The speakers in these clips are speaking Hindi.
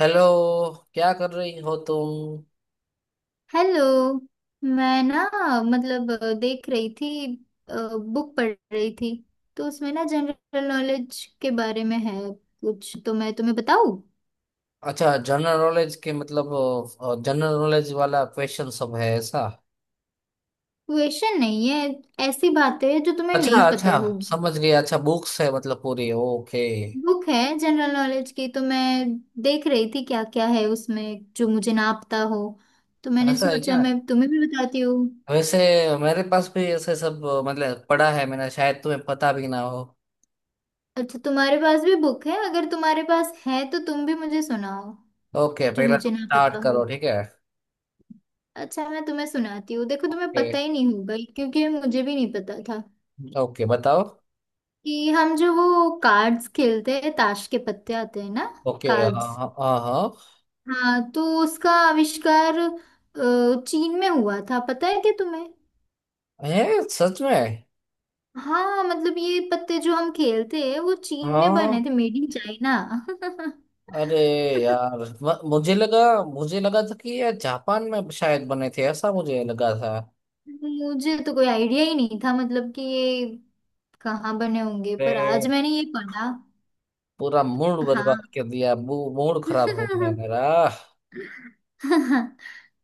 हेलो। क्या कर रही हो तुम। हेलो। मैं ना मतलब देख रही थी। बुक पढ़ रही थी तो उसमें ना जनरल नॉलेज के बारे में है। कुछ तो मैं तुम्हें बताऊं। अच्छा, जनरल नॉलेज के मतलब। जनरल नॉलेज वाला क्वेश्चन सब है ऐसा। क्वेश्चन नहीं है। ऐसी बातें हैं जो तुम्हें अच्छा नहीं अच्छा, पता होगी। समझ गया। अच्छा, बुक्स है मतलब पूरी। ओके। बुक है जनरल नॉलेज की, तो मैं देख रही थी क्या क्या है उसमें जो मुझे ना पता हो। तो मैंने ऐसा है सोचा क्या। मैं तुम्हें भी बताती हूँ। वैसे, मेरे पास भी ऐसे सब मतलब पढ़ा है मैंने, शायद तुम्हें पता भी ना हो। अच्छा, तुम्हारे पास भी बुक है? अगर तुम्हारे पास है तो तुम भी मुझे सुनाओ ओके, जो पहला मुझे तुम ना स्टार्ट पता हो। करो, ठीक है। अच्छा, मैं तुम्हें सुनाती हूँ। देखो, तुम्हें ओके पता ही नहीं होगा क्योंकि मुझे भी नहीं पता था ओके, बताओ। कि हम जो वो कार्ड्स खेलते हैं, ताश के पत्ते आते हैं ना। ओके। हाँ कार्ड्स। हाँ हाँ हाँ। हाँ, तो उसका आविष्कार चीन में हुआ था। पता है क्या तुम्हें? है? सच में? हाँ, मतलब ये पत्ते जो हम खेलते हैं वो चीन में बने हाँ। थे। Made in China. अरे यार, मुझे लगा था कि ये जापान में शायद बने थे, ऐसा मुझे लगा था। मुझे तो कोई आइडिया ही नहीं था मतलब कि ये कहाँ बने होंगे, पर आज अरे, मैंने ये पढ़ा। पूरा मूड हाँ। बर्बाद कर दिया। मूड खराब हो गया मेरा।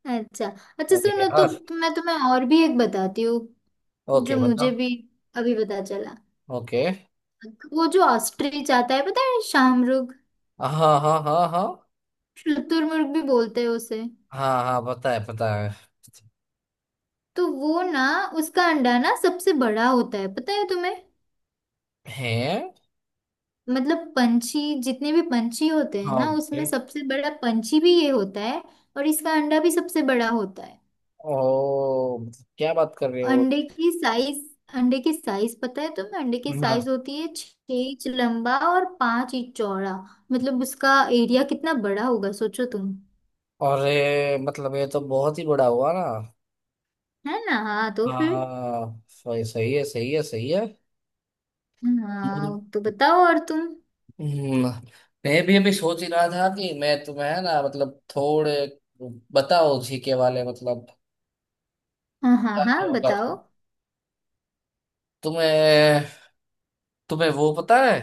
अच्छा, अच्छा, अरे सुनो तो, यार। मैं तुम्हें और भी एक बताती हूँ जो ओके, बताओ। मुझे भी अभी पता चला। ओके। वो जो ऑस्ट्रिच आता है, पता है, शाहमृग। हाँ हाँ हाँ हाँ हाँ शुतुरमुर्ग भी बोलते हैं उसे। हाँ हाँ, पता है पता है। तो वो ना, उसका अंडा ना सबसे बड़ा होता है, पता है तुम्हें? है? मतलब पंछी, जितने भी पंछी होते हैं हाँ। ना, उसमें ओके। सबसे बड़ा पंछी भी ये होता है। और इसका अंडा भी सबसे बड़ा होता है। ओ, मतलब क्या बात कर रहे हो। अंडे की साइज। अंडे की साइज पता है तुम्हें? अंडे की ना। साइज होती है 6 इंच लंबा और 5 इंच चौड़ा। मतलब उसका एरिया कितना बड़ा होगा सोचो तुम। अरे, मतलब ये तो बहुत ही बड़ा हुआ ना। है ना? हाँ, तो फिर हाँ, सही सही है, सही है, सही। है। हाँ, तो बताओ और तुम। हम्म, मैं भी अभी सोच ही रहा था कि मैं तुम्हें है ना मतलब थोड़े, बताओ जीके वाले मतलब हाँ, हाँ, क्या क्या हाँ, होगा। बताओ। तुम्हें तुम्हें वो पता है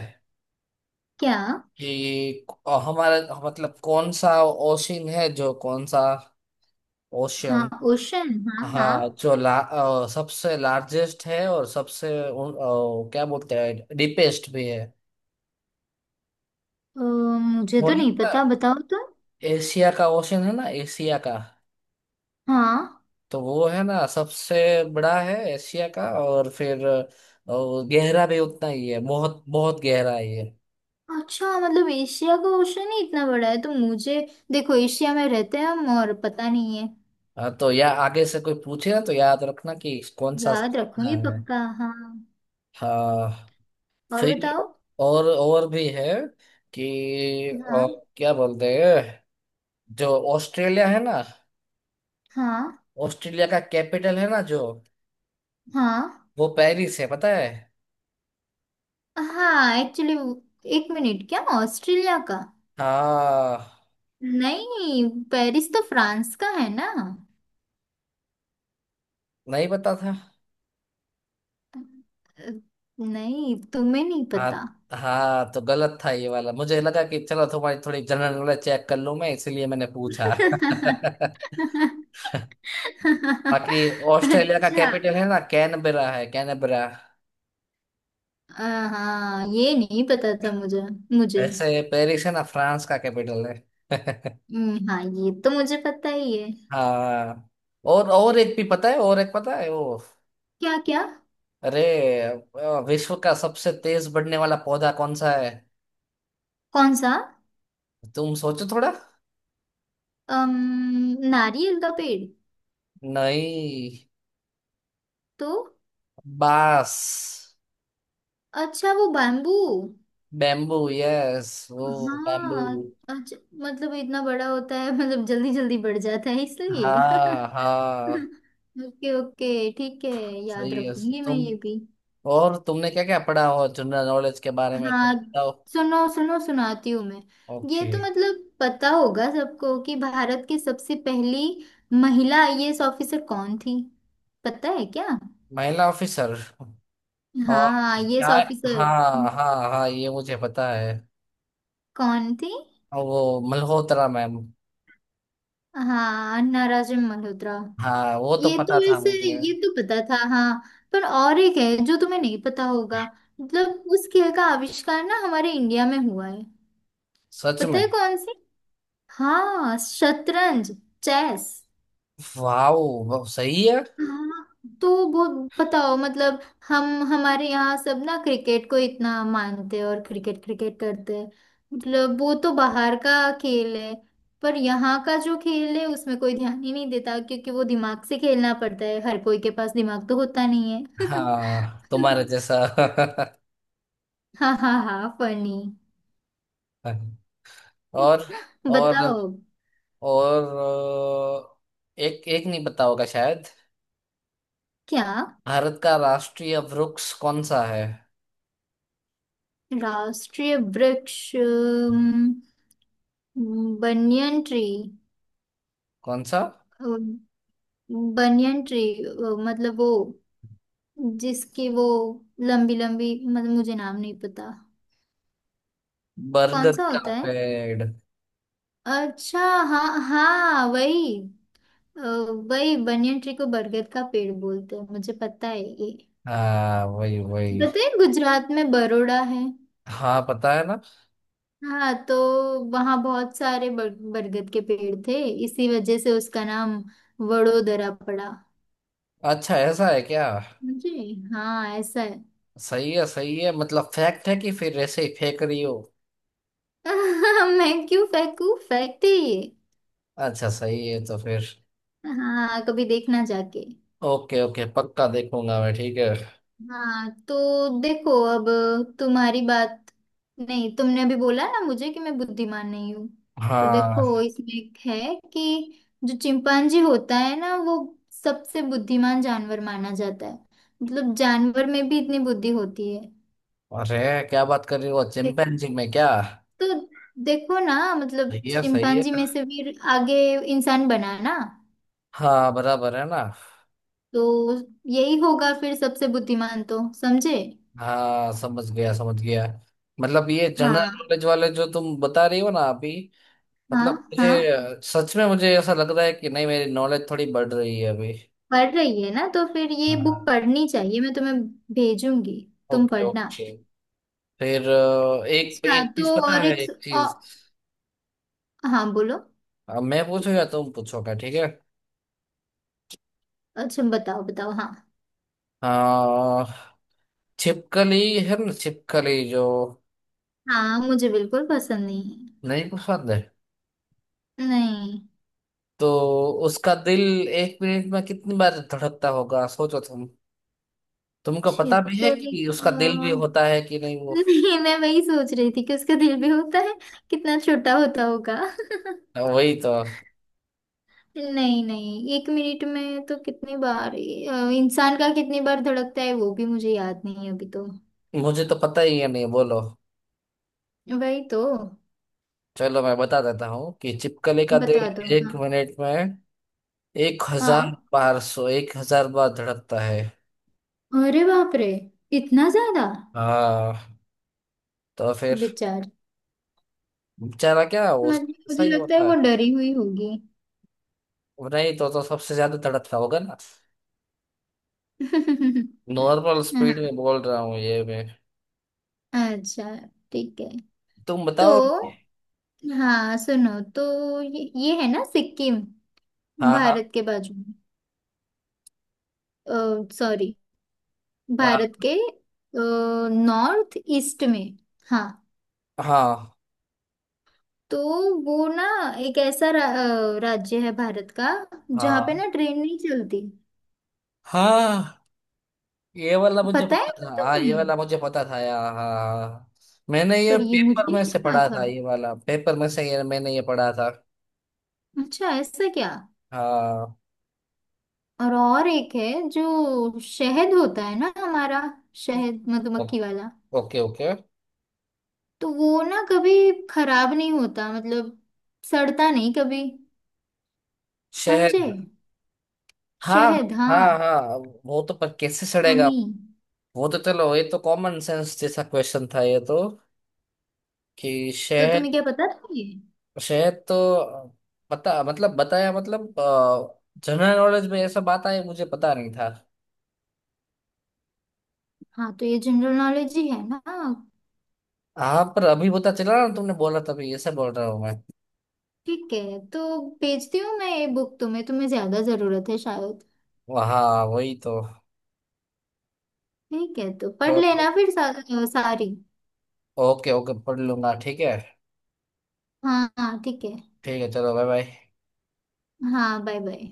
क्या? कि हमारा मतलब कौन सा ओशन है, जो कौन सा हाँ, ओशन। ओशन, हाँ, हाँ, हाँ। जो सबसे लार्जेस्ट है और सबसे क्या बोलते हैं डीपेस्ट भी है। अ, मुझे वो तो नहीं नहीं पता। पता, बताओ तुम। एशिया का ओशन है ना, एशिया का। हाँ। तो वो है ना सबसे बड़ा है एशिया का, और फिर गहरा भी उतना ही है। बहुत बहुत गहरा है ये। अच्छा, मतलब एशिया का ओशन ही इतना बड़ा है? तो मुझे देखो, एशिया में रहते हैं हम और पता नहीं है। हाँ, तो या आगे से कोई पूछे ना, तो याद रखना कि कौन सा याद कितना रखूंगी है। पक्का, हाँ। हाँ। और फिर बताओ। और भी है कि हाँ, अ, क्या बोलते हैं। जो ऑस्ट्रेलिया है ना, हाँ, ऑस्ट्रेलिया का कैपिटल है ना जो, हाँ, वो पेरिस है, पता है। हाँ, एक्चुअली एक मिनट, क्या ऑस्ट्रेलिया का? हाँ, नहीं, पेरिस तो फ्रांस का है ना। नहीं पता था। अ, नहीं, तुम्हें नहीं हाँ पता? हाँ, तो गलत था ये वाला। मुझे लगा कि चलो तुम्हारी थोड़ी जनरल नॉलेज चेक कर लूं मैं, इसलिए मैंने पूछा। बाकी ऑस्ट्रेलिया का अच्छा। कैपिटल है ना, कैनबरा है कैनबरा। हाँ, ये नहीं पता था मुझे मुझे वैसे पेरिस है ना, फ्रांस का कैपिटल है। हाँ, ये तो मुझे पता ही है। हाँ। और एक भी पता है, और एक पता है वो। क्या? क्या? अरे, विश्व का सबसे तेज बढ़ने वाला पौधा कौन सा है। कौन सा? तुम सोचो थोड़ा। अम, नारियल का पेड़। नहीं। तो? बांस। अच्छा, वो बैम्बू। Bamboo, yes. वो बैम्बू। हाँ। अच्छा, मतलब इतना बड़ा होता है मतलब जल्दी जल्दी बढ़ जाता है इसलिए। हाँ हाँ, ओके, ओके, ठीक है। याद सही है। रखूंगी मैं तुम। ये भी। और तुमने क्या क्या पढ़ा हो जनरल नॉलेज के बारे में, हाँ, थोड़ा बताओ। सुनो, सुनो, सुनाती हूँ मैं। ये ओके। तो मतलब पता होगा सबको कि भारत की सबसे पहली महिला आईएएस ऑफिसर कौन थी। पता है क्या? महिला ऑफिसर? और हाँ, क्या? IAS officer. हाँ हाँ हाँ, ये मुझे पता है। कौन थी? और वो मल्होत्रा मैम। हाँ, नाराजन मल्होत्रा। हाँ, वो तो ये तो पता था वैसे मुझे। ये तो पता था, हाँ। पर और एक है जो तुम्हें नहीं पता होगा। मतलब उस खेल का आविष्कार ना हमारे इंडिया में हुआ है। सच पता में? है कौन सी? हाँ, शतरंज। चेस। वाओ, सही है। हाँ, तो बहुत बताओ मतलब। हम, हमारे यहाँ सब ना क्रिकेट को इतना मानते हैं और क्रिकेट क्रिकेट करते हैं। मतलब वो तो बाहर का खेल है। पर यहाँ का जो खेल है उसमें कोई ध्यान ही नहीं देता, क्योंकि वो दिमाग से खेलना पड़ता है। हर कोई के पास दिमाग तो होता नहीं है। हाँ। तुम्हारे जैसा। हाँ, हाँ, हाँ, फनी। और और बताओ। और एक एक नहीं पता होगा शायद, क्या? भारत का राष्ट्रीय वृक्ष कौन सा है। राष्ट्रीय वृक्ष? बनियन ट्री। कौन सा? Banyan tree. मतलब वो, जिसकी वो लंबी लंबी, मतलब मुझे नाम नहीं पता। कौन बरगद सा का होता है? पेड़। अच्छा। हाँ, हाँ, वही। अ, वही बनियन ट्री को बरगद का पेड़ बोलते हैं, मुझे पता है ये। हाँ वही वही। पता है गुजरात में बरोड़ा है? हाँ पता है ना। हाँ, तो वहाँ बहुत सारे बरगद के पेड़ थे। इसी वजह से उसका नाम वडोदरा पड़ा। अच्छा, ऐसा है क्या। जी हाँ, ऐसा है। सही है, सही है, मतलब फैक्ट है कि फिर ऐसे ही फेंक रही हो। मैं क्यों फेंकू, फेंकते ही अच्छा, सही है तो फिर। है। हाँ, कभी देखना जाके। ओके ओके, पक्का देखूंगा मैं, ठीक है। हाँ, तो देखो अब तुम्हारी बात। नहीं, तुमने अभी बोला ना मुझे कि मैं बुद्धिमान नहीं हूँ। तो देखो, हाँ। इसमें एक है कि जो चिंपांजी होता है ना वो सबसे बुद्धिमान जानवर माना जाता है। मतलब जानवर में भी इतनी बुद्धि होती है। अरे, क्या बात कर रही हो, देखा? चिंपैंजी में क्या। तो देखो ना, मतलब सही है, सही है। चिंपांजी में से फिर आगे इंसान बना ना। हाँ, बराबर है ना। तो यही होगा फिर सबसे बुद्धिमान, तो समझे। हाँ, समझ गया समझ गया। मतलब ये जनरल हाँ, नॉलेज वाले जो तुम बता रही हो ना अभी, हाँ, मतलब मुझे, हाँ। सच में मुझे ऐसा लग रहा है कि नहीं मेरी नॉलेज थोड़ी बढ़ रही है अभी। पढ़ रही है ना, तो फिर ये बुक हाँ। पढ़नी चाहिए, मैं तुम्हें भेजूंगी, तुम ओके पढ़ना। ओके। फिर एक अच्छा, एक चीज तो पता और है, एक एक अ, चीज। हाँ, बोलो। मैं पूछो या तुम पूछोगे, ठीक है। अच्छा, बताओ, बताओ, हाँ। अ, छिपकली, है ना छिपकली जो हाँ, मुझे बिल्कुल पसंद नहीं नहीं पसंद है। है नहीं। तो उसका दिल एक मिनट में कितनी बार धड़कता होगा, सोचो तुम। तुमको पता भी है छिपकली कि उसका तो। दिल भी होता है कि नहीं वो। नहीं, मैं वही सोच रही थी कि उसका दिल भी होता है, कितना छोटा होता होगा। वही तो। नहीं, नहीं, 1 मिनट में तो कितनी बार, इंसान का कितनी बार धड़कता है वो भी मुझे याद नहीं है अभी तो। मुझे तो पता ही है नहीं, बोलो। वही तो। चलो, मैं बता देता हूँ कि छिपकली का बता दो, दिल एक हाँ। मिनट में एक हजार हाँ, बार सो 1,000 बार धड़कता है। अरे बाप रे, इतना ज्यादा। हाँ तो फिर। बेचारा। बेचारा क्या, मत, उसका ऐसा मुझे ही लगता है होता वो है। डरी हुई होगी। नहीं तो सबसे ज्यादा धड़कता होगा ना। नॉर्मल स्पीड हाँ। में बोल रहा हूँ ये मैं। अच्छा, ठीक है। तुम तो बताओ। हाँ, सुनो तो, ये है ना सिक्किम, हाँ हाँ भारत के बाजू में, सॉरी, हाँ भारत के नॉर्थ ईस्ट में। हाँ, हाँ तो वो ना एक ऐसा राज्य है भारत का जहाँ पे हाँ ना ट्रेन नहीं चलती। हाँ, ये वाला मुझे पता है पता क्या था हाँ, ये तुम्हें? वाला मुझे पता था यार। हाँ हाँ। मैंने ये पर ये मुझे पेपर में नहीं से पता पढ़ा था। था, ये वाला पेपर में से ये मैंने ये पढ़ा था। अच्छा, ऐसा क्या। हाँ। और एक है जो शहद होता है ना, हमारा शहद, ओ- मधुमक्खी वाला। Okay okay. तो वो ना कभी खराब नहीं होता, मतलब सड़ता नहीं कभी। शहर। समझे? हाँ शहद, हाँ हाँ। हाँ। वो तो, पर कैसे सड़ेगा। हनी। वो तो चलो, ये तो कॉमन सेंस जैसा क्वेश्चन था ये तो, कि तो शहर। तुम्हें क्या पता था ये? शहर तो पता, मतलब बताया, मतलब जनरल नॉलेज में ऐसा बात आई, मुझे पता नहीं था। हाँ, तो ये जनरल नॉलेज ही है ना। हाँ, पर अभी पता चला ना, तुमने बोला तभी ऐसे बोल रहा हूँ मैं। ठीक है, तो भेजती हूँ मैं ये बुक तुम्हें। तुम्हें ज्यादा जरूरत है शायद। हाँ वही तो। ठीक है, तो पढ़ लेना फिर सारी। ओके ओके, पढ़ लूंगा, ठीक है। हाँ, हाँ, ठीक है। ठीक है, चलो, बाय बाय। हाँ, बाय बाय।